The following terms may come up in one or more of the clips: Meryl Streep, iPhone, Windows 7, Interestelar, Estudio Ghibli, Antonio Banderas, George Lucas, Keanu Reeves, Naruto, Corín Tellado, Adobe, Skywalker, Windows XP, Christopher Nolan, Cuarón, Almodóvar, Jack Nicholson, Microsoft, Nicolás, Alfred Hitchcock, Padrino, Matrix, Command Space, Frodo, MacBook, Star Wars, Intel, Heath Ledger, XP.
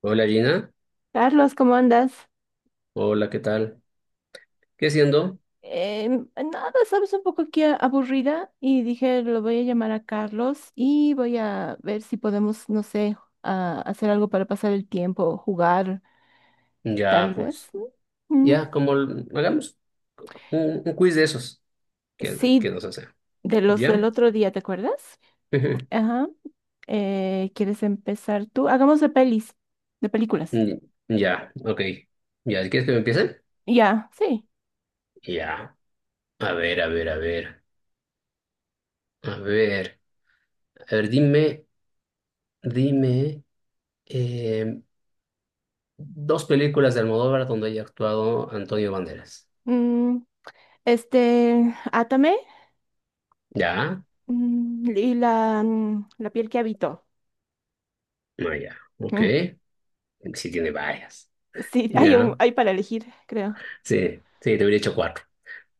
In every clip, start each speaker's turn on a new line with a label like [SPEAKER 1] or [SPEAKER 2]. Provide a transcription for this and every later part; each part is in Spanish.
[SPEAKER 1] Hola Gina,
[SPEAKER 2] Carlos, ¿cómo andas?
[SPEAKER 1] hola, ¿qué tal? ¿Qué siendo?
[SPEAKER 2] Nada, sabes, un poco aquí aburrida y dije, lo voy a llamar a Carlos y voy a ver si podemos, no sé, hacer algo para pasar el tiempo, jugar,
[SPEAKER 1] Ya,
[SPEAKER 2] tal vez.
[SPEAKER 1] pues,
[SPEAKER 2] Mm,
[SPEAKER 1] ya, como hagamos un quiz de esos que
[SPEAKER 2] Sí,
[SPEAKER 1] nos hacen.
[SPEAKER 2] de los del
[SPEAKER 1] ¿Ya?
[SPEAKER 2] otro día, ¿te acuerdas?
[SPEAKER 1] Ujú.
[SPEAKER 2] Ajá. ¿Quieres empezar tú? Hagamos de pelis, de películas.
[SPEAKER 1] Mm, Ya, ok. ¿Ya quieres que me empiece?
[SPEAKER 2] Ya, sí.
[SPEAKER 1] Ya. A ver, a ver, a ver. A ver, a ver, dime, dime eh, dos películas de Almodóvar donde haya actuado Antonio Banderas.
[SPEAKER 2] Mm, este, Átame
[SPEAKER 1] ¿Ya?
[SPEAKER 2] y la piel que habito.
[SPEAKER 1] No, ya. Ok. Sí tiene varias.
[SPEAKER 2] Sí,
[SPEAKER 1] ¿Ya?
[SPEAKER 2] hay para elegir, creo.
[SPEAKER 1] Sí, sí, te hubiera hecho cuatro.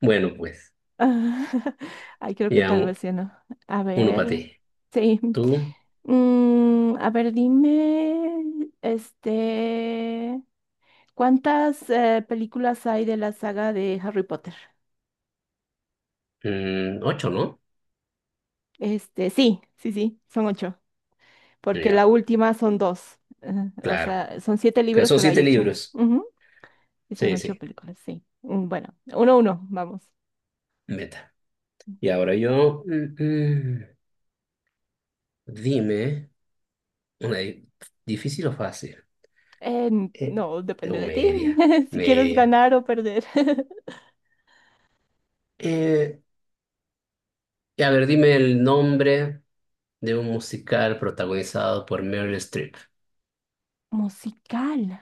[SPEAKER 1] Bueno, pues.
[SPEAKER 2] Ay, creo que
[SPEAKER 1] Ya,
[SPEAKER 2] tal vez sí, ¿no? A
[SPEAKER 1] uno para
[SPEAKER 2] ver,
[SPEAKER 1] ti.
[SPEAKER 2] sí.
[SPEAKER 1] Tú,
[SPEAKER 2] A ver, dime, este, ¿cuántas películas hay de la saga de Harry Potter?
[SPEAKER 1] ocho, ¿no?
[SPEAKER 2] Este, sí, son ocho, porque
[SPEAKER 1] Ya,
[SPEAKER 2] la última son dos. Ajá. O
[SPEAKER 1] claro.
[SPEAKER 2] sea, son siete
[SPEAKER 1] Que
[SPEAKER 2] libros,
[SPEAKER 1] son
[SPEAKER 2] pero hay
[SPEAKER 1] siete
[SPEAKER 2] ocho.
[SPEAKER 1] libros.
[SPEAKER 2] Ujú. Y son
[SPEAKER 1] Sí,
[SPEAKER 2] ocho
[SPEAKER 1] sí,
[SPEAKER 2] películas, sí. Bueno, uno a uno, vamos.
[SPEAKER 1] meta. Y ahora yo, dime, una difícil o fácil.
[SPEAKER 2] Eh,
[SPEAKER 1] Eh,
[SPEAKER 2] no,
[SPEAKER 1] o
[SPEAKER 2] depende de ti,
[SPEAKER 1] media,
[SPEAKER 2] si quieres
[SPEAKER 1] media.
[SPEAKER 2] ganar o perder.
[SPEAKER 1] Eh, y a ver, dime el nombre de un musical protagonizado por Meryl Streep.
[SPEAKER 2] Musical,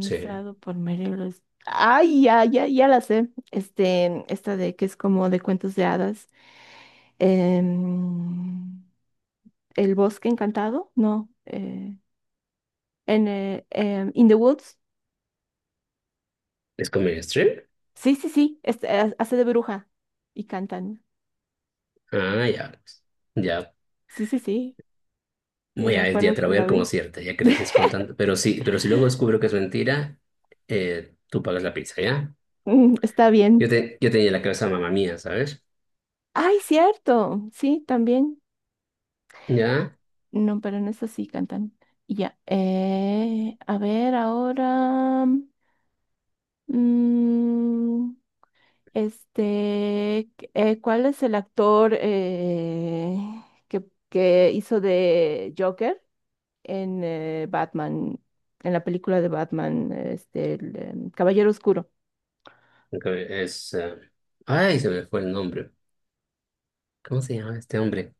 [SPEAKER 1] Sí,
[SPEAKER 2] por Meryl Streep. Ay, ya, ya, ya la sé. Este, esta de que es como de cuentos de hadas. Em, El bosque encantado, no. In the Woods.
[SPEAKER 1] ¿es con Meryl Streep?
[SPEAKER 2] Sí, sí, sí. Este, hace de bruja y cantan.
[SPEAKER 1] Ah, ya, pues. Ya,
[SPEAKER 2] Sí, sí, sí. Me acuerdo
[SPEAKER 1] Te la
[SPEAKER 2] que
[SPEAKER 1] voy a
[SPEAKER 2] la
[SPEAKER 1] dar como
[SPEAKER 2] vi.
[SPEAKER 1] cierta, ya que lo dices con tanto. Pero sí, pero si luego descubro que es mentira, tú pagas la pizza, ¿ya?
[SPEAKER 2] Está
[SPEAKER 1] Yo,
[SPEAKER 2] bien.
[SPEAKER 1] te, yo tenía en la cabeza mamá mía, ¿sabes?
[SPEAKER 2] Ay, cierto. Sí, también.
[SPEAKER 1] ¿Ya?
[SPEAKER 2] No, pero en esta sí cantan. Y ya. A ver, ahora. mm, ¿Cuál es el actor que, que hizo de Joker en Batman? En la película de Batman, este, Caballero Oscuro.
[SPEAKER 1] Aunque Es. Ay, se me fue el nombre. ¿Cómo se llama este hombre?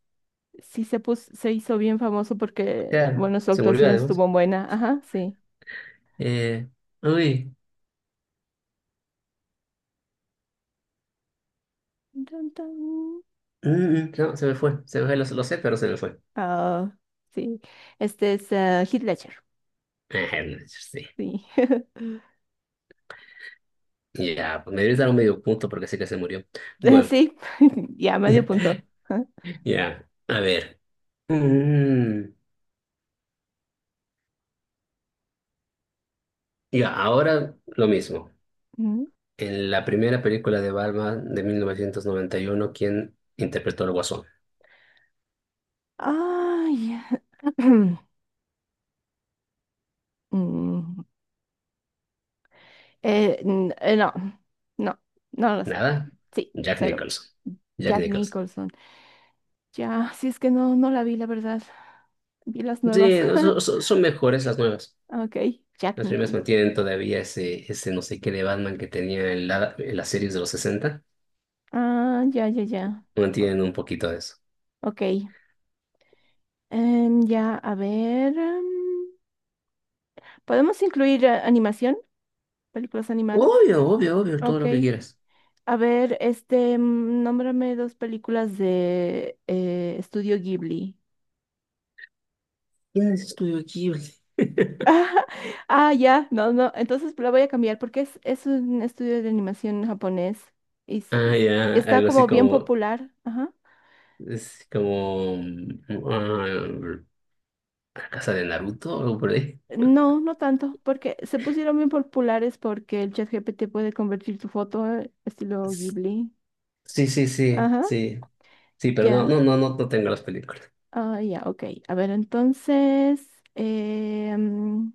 [SPEAKER 2] Sí se se hizo bien famoso porque,
[SPEAKER 1] Claro,
[SPEAKER 2] bueno, su
[SPEAKER 1] se murió
[SPEAKER 2] actuación
[SPEAKER 1] además.
[SPEAKER 2] estuvo buena. Ajá, sí.
[SPEAKER 1] Eh, uy,
[SPEAKER 2] Dun, dun.
[SPEAKER 1] mm, no, se me fue. Se me fue, lo sé, pero se me fue.
[SPEAKER 2] Ah, sí. Este es Heath Ledger.
[SPEAKER 1] Sí.
[SPEAKER 2] Sí.
[SPEAKER 1] Ya, pues me debes dar un medio punto porque sé que se murió. Bueno,
[SPEAKER 2] Sí, ya medio punto. Ajá.
[SPEAKER 1] ya, a ver. Mm, ya, ahora lo mismo.
[SPEAKER 2] Mm.
[SPEAKER 1] En la primera película de Batman de 1991, ¿quién interpretó al Guasón?
[SPEAKER 2] Ay. Mm. No, no, no lo sé.
[SPEAKER 1] Nada,
[SPEAKER 2] Sí,
[SPEAKER 1] Jack
[SPEAKER 2] cero.
[SPEAKER 1] Nicholson. Jack
[SPEAKER 2] Jack
[SPEAKER 1] Nicholson.
[SPEAKER 2] Nicholson. Ya, si es que no, no la vi, la verdad. Vi las nuevas.
[SPEAKER 1] Sí, no, son mejores las nuevas.
[SPEAKER 2] Ok, Jack
[SPEAKER 1] Las primeras
[SPEAKER 2] Nicholson.
[SPEAKER 1] mantienen todavía ese, ese no sé qué de Batman que tenía en las series de los 60.
[SPEAKER 2] Ah, ya, ya, ya. O-
[SPEAKER 1] Mantienen un poquito de eso.
[SPEAKER 2] Ok. Ya, a ver. ¿Podemos incluir animación? ¿Películas animadas?
[SPEAKER 1] Obvio, obvio, obvio, todo
[SPEAKER 2] Ok.
[SPEAKER 1] lo que quieras.
[SPEAKER 2] A ver, este, nómbrame dos películas de Estudio Ghibli.
[SPEAKER 1] ¿Quién es Estudio Ghibli?
[SPEAKER 2] Ah, ya, no, no, entonces la voy a cambiar porque es un estudio de animación japonés y, s- y
[SPEAKER 1] Ah,
[SPEAKER 2] s-
[SPEAKER 1] ya,
[SPEAKER 2] está
[SPEAKER 1] algo así
[SPEAKER 2] como bien
[SPEAKER 1] como,
[SPEAKER 2] popular. Ajá.
[SPEAKER 1] es como, ah, la casa de Naruto o algo por ahí.
[SPEAKER 2] No, no tanto, porque se pusieron bien populares porque el chat GPT puede convertir tu foto estilo
[SPEAKER 1] S-
[SPEAKER 2] Ghibli.
[SPEAKER 1] Sí, sí, sí,
[SPEAKER 2] Ajá,
[SPEAKER 1] sí. Sí, pero no, no,
[SPEAKER 2] ya.
[SPEAKER 1] no, no, no tengo las películas.
[SPEAKER 2] Ah, ya, ok. A ver, entonces, eh, mm,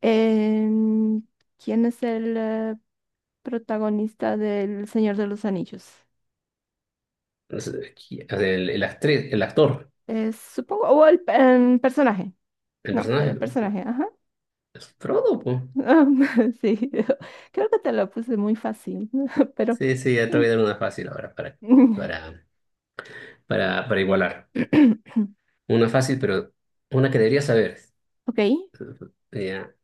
[SPEAKER 2] em, ¿quién es el...? Protagonista del Señor de los Anillos.
[SPEAKER 1] O sea, el actriz, el actor,
[SPEAKER 2] Es, supongo, o el personaje.
[SPEAKER 1] el
[SPEAKER 2] No,
[SPEAKER 1] personaje,
[SPEAKER 2] el personaje, ajá.
[SPEAKER 1] es Frodo, po.
[SPEAKER 2] Sí, creo que te lo puse muy fácil, pero...
[SPEAKER 1] Sí, sí, ya te voy a dar una fácil ahora para,
[SPEAKER 2] mm.
[SPEAKER 1] para, igualar. Una fácil, pero una que deberías saber.
[SPEAKER 2] Ok,
[SPEAKER 1] Ya,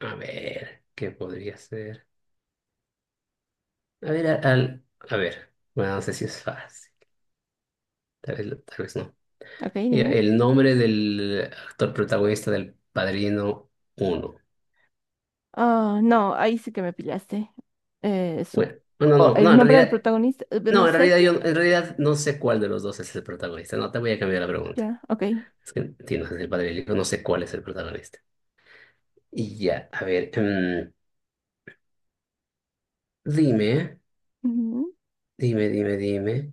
[SPEAKER 1] a ver, ¿qué podría ser? A ver, a ver, bueno, no sé si es fácil, tal vez no.
[SPEAKER 2] ok,
[SPEAKER 1] Ya,
[SPEAKER 2] dime.
[SPEAKER 1] el nombre del actor protagonista del Padrino Uno.
[SPEAKER 2] Ah, no, ahí sí que me pillaste. Eh,
[SPEAKER 1] Bueno, no, no,
[SPEAKER 2] o
[SPEAKER 1] no, no,
[SPEAKER 2] el
[SPEAKER 1] en
[SPEAKER 2] nombre del
[SPEAKER 1] realidad
[SPEAKER 2] protagonista, no
[SPEAKER 1] no, en
[SPEAKER 2] sé
[SPEAKER 1] realidad yo
[SPEAKER 2] qué.
[SPEAKER 1] en realidad no sé cuál de los dos es el protagonista. No, te voy a cambiar la pregunta.
[SPEAKER 2] Ya, ok.
[SPEAKER 1] Es que tienes el padre y el hijo, no sé cuál es el protagonista. Y ya, a ver, dime,
[SPEAKER 2] Ujú,
[SPEAKER 1] dime.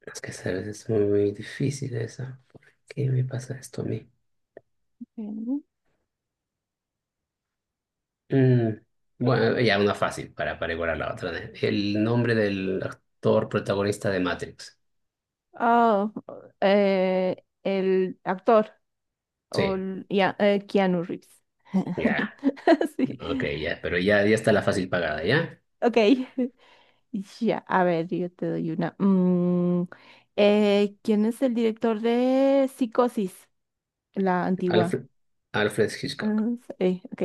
[SPEAKER 1] Es que sabes, es muy difícil esa. ¿Por qué me pasa esto a mí?
[SPEAKER 2] ok.
[SPEAKER 1] Mm, bueno, ya una fácil para, igualar la otra, ¿eh? El nombre del actor protagonista de Matrix.
[SPEAKER 2] Ah, el actor. O
[SPEAKER 1] Sí,
[SPEAKER 2] l- y a- Keanu Reeves.
[SPEAKER 1] ya,
[SPEAKER 2] Sí.
[SPEAKER 1] ok, ya, pero ya, ya está la fácil pagada, ¿ya?
[SPEAKER 2] Ok. Ya, a ver, yo te doy una. ¿Quién es el director de Psicosis? La antigua.
[SPEAKER 1] Alfred, Alfred Hitchcock.
[SPEAKER 2] Mm, sí, ok.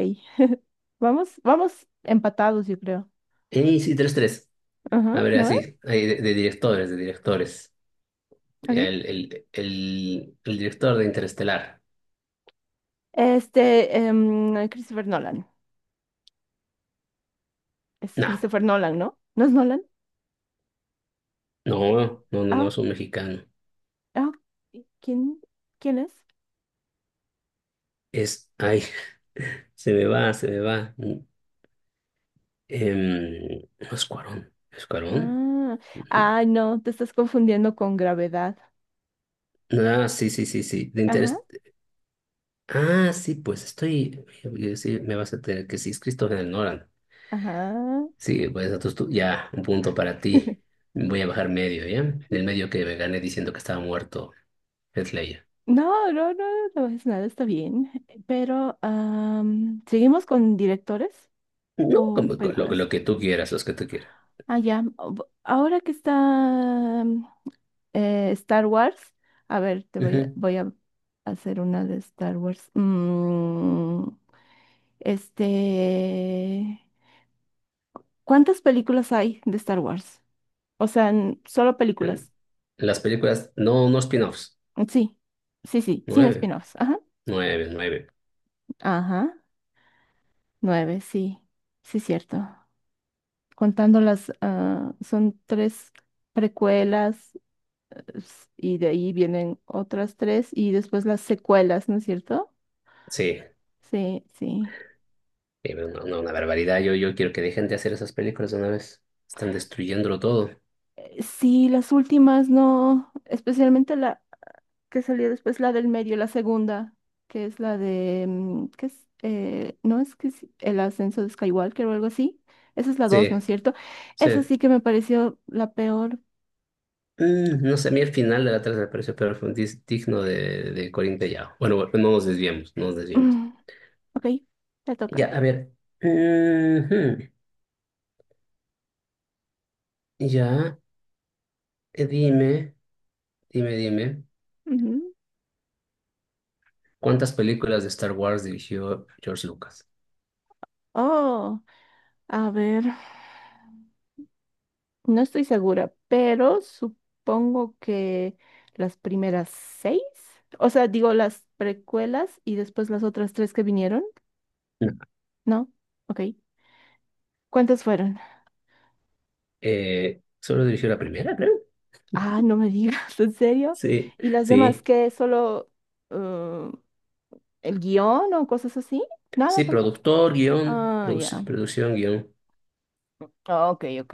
[SPEAKER 2] Vamos, vamos empatados, yo creo.
[SPEAKER 1] Y sí, 3-3. A
[SPEAKER 2] Ajá,
[SPEAKER 1] ver,
[SPEAKER 2] ¿no ve?
[SPEAKER 1] así, ahí de directores, de directores.
[SPEAKER 2] Ok.
[SPEAKER 1] El director de Interestelar.
[SPEAKER 2] Este, Christopher Nolan. Es
[SPEAKER 1] No,
[SPEAKER 2] Christopher Nolan, ¿no? ¿No es Nolan? Eh,
[SPEAKER 1] no, no, no, no
[SPEAKER 2] ah,
[SPEAKER 1] es un mexicano.
[SPEAKER 2] ah, ok. ¿Quién, quién es?
[SPEAKER 1] Ay, se me va, se me va. No es Cuarón, ¿es Cuarón?
[SPEAKER 2] Ah,
[SPEAKER 1] Ujú.
[SPEAKER 2] ah, no, te estás confundiendo con Gravedad.
[SPEAKER 1] Ah, sí, sí, sí, sí.
[SPEAKER 2] Ajá,
[SPEAKER 1] Ah, sí, pues estoy. Sí, me vas a tener que sí, es Christopher Nolan.
[SPEAKER 2] ajá.
[SPEAKER 1] Sí, pues entonces tú, ya, un punto para ti. Voy a bajar medio, ¿ya? Del medio que me gané diciendo que estaba muerto Heath Ledger.
[SPEAKER 2] No, no, no, no es nada, está bien. Pero, am, ¿seguimos con directores
[SPEAKER 1] No,
[SPEAKER 2] o
[SPEAKER 1] como lo,
[SPEAKER 2] películas?
[SPEAKER 1] lo que tú quieras, los que tú quieras.
[SPEAKER 2] Ah, ya. Ahora que está mm, Star Wars, a ver,
[SPEAKER 1] Ujú.
[SPEAKER 2] voy a hacer una de Star Wars. Este, ¿cuántas películas hay de Star Wars? O sea, solo
[SPEAKER 1] Eh,
[SPEAKER 2] películas.
[SPEAKER 1] Las películas, no spin-offs.
[SPEAKER 2] Sí, sí, sí, sin
[SPEAKER 1] Nueve,
[SPEAKER 2] spin-offs. Ajá,
[SPEAKER 1] nueve, nueve.
[SPEAKER 2] ajá. Nueve, sí, sí, cierto. Contando las, ah, son tres precuelas y de ahí vienen otras tres y después las secuelas, ¿no es cierto?
[SPEAKER 1] Sí,
[SPEAKER 2] Sí, sí.
[SPEAKER 1] sí, pero no, no, una barbaridad. Yo quiero que dejen de hacer esas películas de una vez. Están destruyéndolo todo.
[SPEAKER 2] Sí, las últimas no, especialmente la que salió después, la del medio, la segunda, que es la de, mm, ¿qué es? No es que es el ascenso de Skywalker o algo así. Esa es la dos, ¿no
[SPEAKER 1] Sí,
[SPEAKER 2] es cierto?
[SPEAKER 1] sí.
[SPEAKER 2] Esa sí que me pareció la peor.
[SPEAKER 1] No sé, a mí el final de la tercera me pareció pero fue digno de Corín Tellado. Bueno, bueno, no nos desviemos, no nos desviemos.
[SPEAKER 2] Mm, Ok, te
[SPEAKER 1] Ya,
[SPEAKER 2] toca.
[SPEAKER 1] a ver. Ujú. Ya, eh, dime, dime. ¿Cuántas películas de Star Wars dirigió George Lucas?
[SPEAKER 2] Oh, a ver, no estoy segura, pero supongo que las primeras seis, o sea, digo las precuelas y después las otras tres que vinieron,
[SPEAKER 1] No,
[SPEAKER 2] ¿no? Ok. ¿Cuántas fueron?
[SPEAKER 1] solo dirigió la primera, creo.
[SPEAKER 2] Ah, no me digas, ¿en serio?
[SPEAKER 1] Sí,
[SPEAKER 2] ¿Y las demás
[SPEAKER 1] sí.
[SPEAKER 2] qué? ¿Solo eh, el guión o cosas así? Nada
[SPEAKER 1] Sí,
[SPEAKER 2] tampoco.
[SPEAKER 1] productor, guión,
[SPEAKER 2] Ah, ya.
[SPEAKER 1] producción, guión.
[SPEAKER 2] Ah, ok, ok.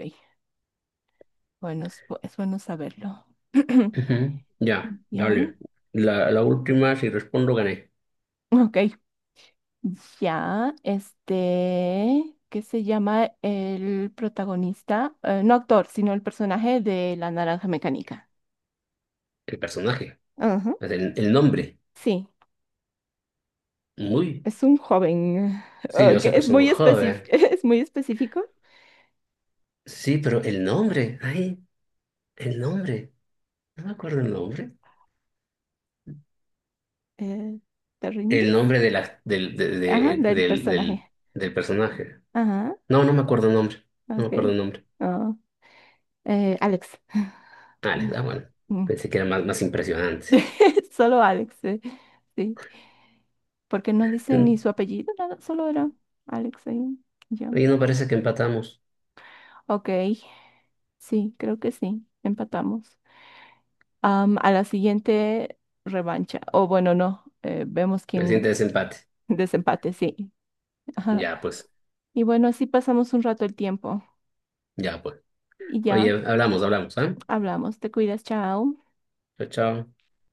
[SPEAKER 2] Bueno, es bueno saberlo.
[SPEAKER 1] Ujú. Ya,
[SPEAKER 2] Ya.
[SPEAKER 1] dale. La última, si respondo, gané.
[SPEAKER 2] Ok. Ya, este, ¿qué se llama el protagonista? No actor, sino el personaje de La Naranja Mecánica.
[SPEAKER 1] El personaje,
[SPEAKER 2] Ajá.
[SPEAKER 1] el nombre.
[SPEAKER 2] Sí,
[SPEAKER 1] Muy.
[SPEAKER 2] es un joven.
[SPEAKER 1] Sí, yo
[SPEAKER 2] Que
[SPEAKER 1] sé que
[SPEAKER 2] es
[SPEAKER 1] soy
[SPEAKER 2] muy específico,
[SPEAKER 1] joven.
[SPEAKER 2] es muy específico.
[SPEAKER 1] Sí, pero el nombre, ay, el nombre. No me acuerdo el nombre.
[SPEAKER 2] eh, ¿Te
[SPEAKER 1] El
[SPEAKER 2] rindes?
[SPEAKER 1] nombre de la, del,
[SPEAKER 2] Ajá,
[SPEAKER 1] de-
[SPEAKER 2] del
[SPEAKER 1] del, del,
[SPEAKER 2] personaje.
[SPEAKER 1] del personaje.
[SPEAKER 2] Ajá,
[SPEAKER 1] No, no me acuerdo el nombre. No me
[SPEAKER 2] ok.
[SPEAKER 1] acuerdo el nombre.
[SPEAKER 2] Ah, Alex.
[SPEAKER 1] Vale, bueno.
[SPEAKER 2] Mm.
[SPEAKER 1] Pensé que era más, más impresionante.
[SPEAKER 2] Solo Alex, sí. Porque no dicen ni su apellido, nada, solo era Alex ahí. Ya.
[SPEAKER 1] Oye, no parece que empatamos.
[SPEAKER 2] Ok, sí, creo que sí, empatamos. Am, a la siguiente revancha, o bueno, no, vemos
[SPEAKER 1] Me siente
[SPEAKER 2] quién
[SPEAKER 1] desempate.
[SPEAKER 2] desempate, sí. Ajá.
[SPEAKER 1] Ya, pues,
[SPEAKER 2] Y bueno, así pasamos un rato el tiempo
[SPEAKER 1] ya, pues.
[SPEAKER 2] y
[SPEAKER 1] Oye,
[SPEAKER 2] ya
[SPEAKER 1] hablamos, hablamos, ¿ah?
[SPEAKER 2] hablamos. Te cuidas, chao.
[SPEAKER 1] Chao, chao.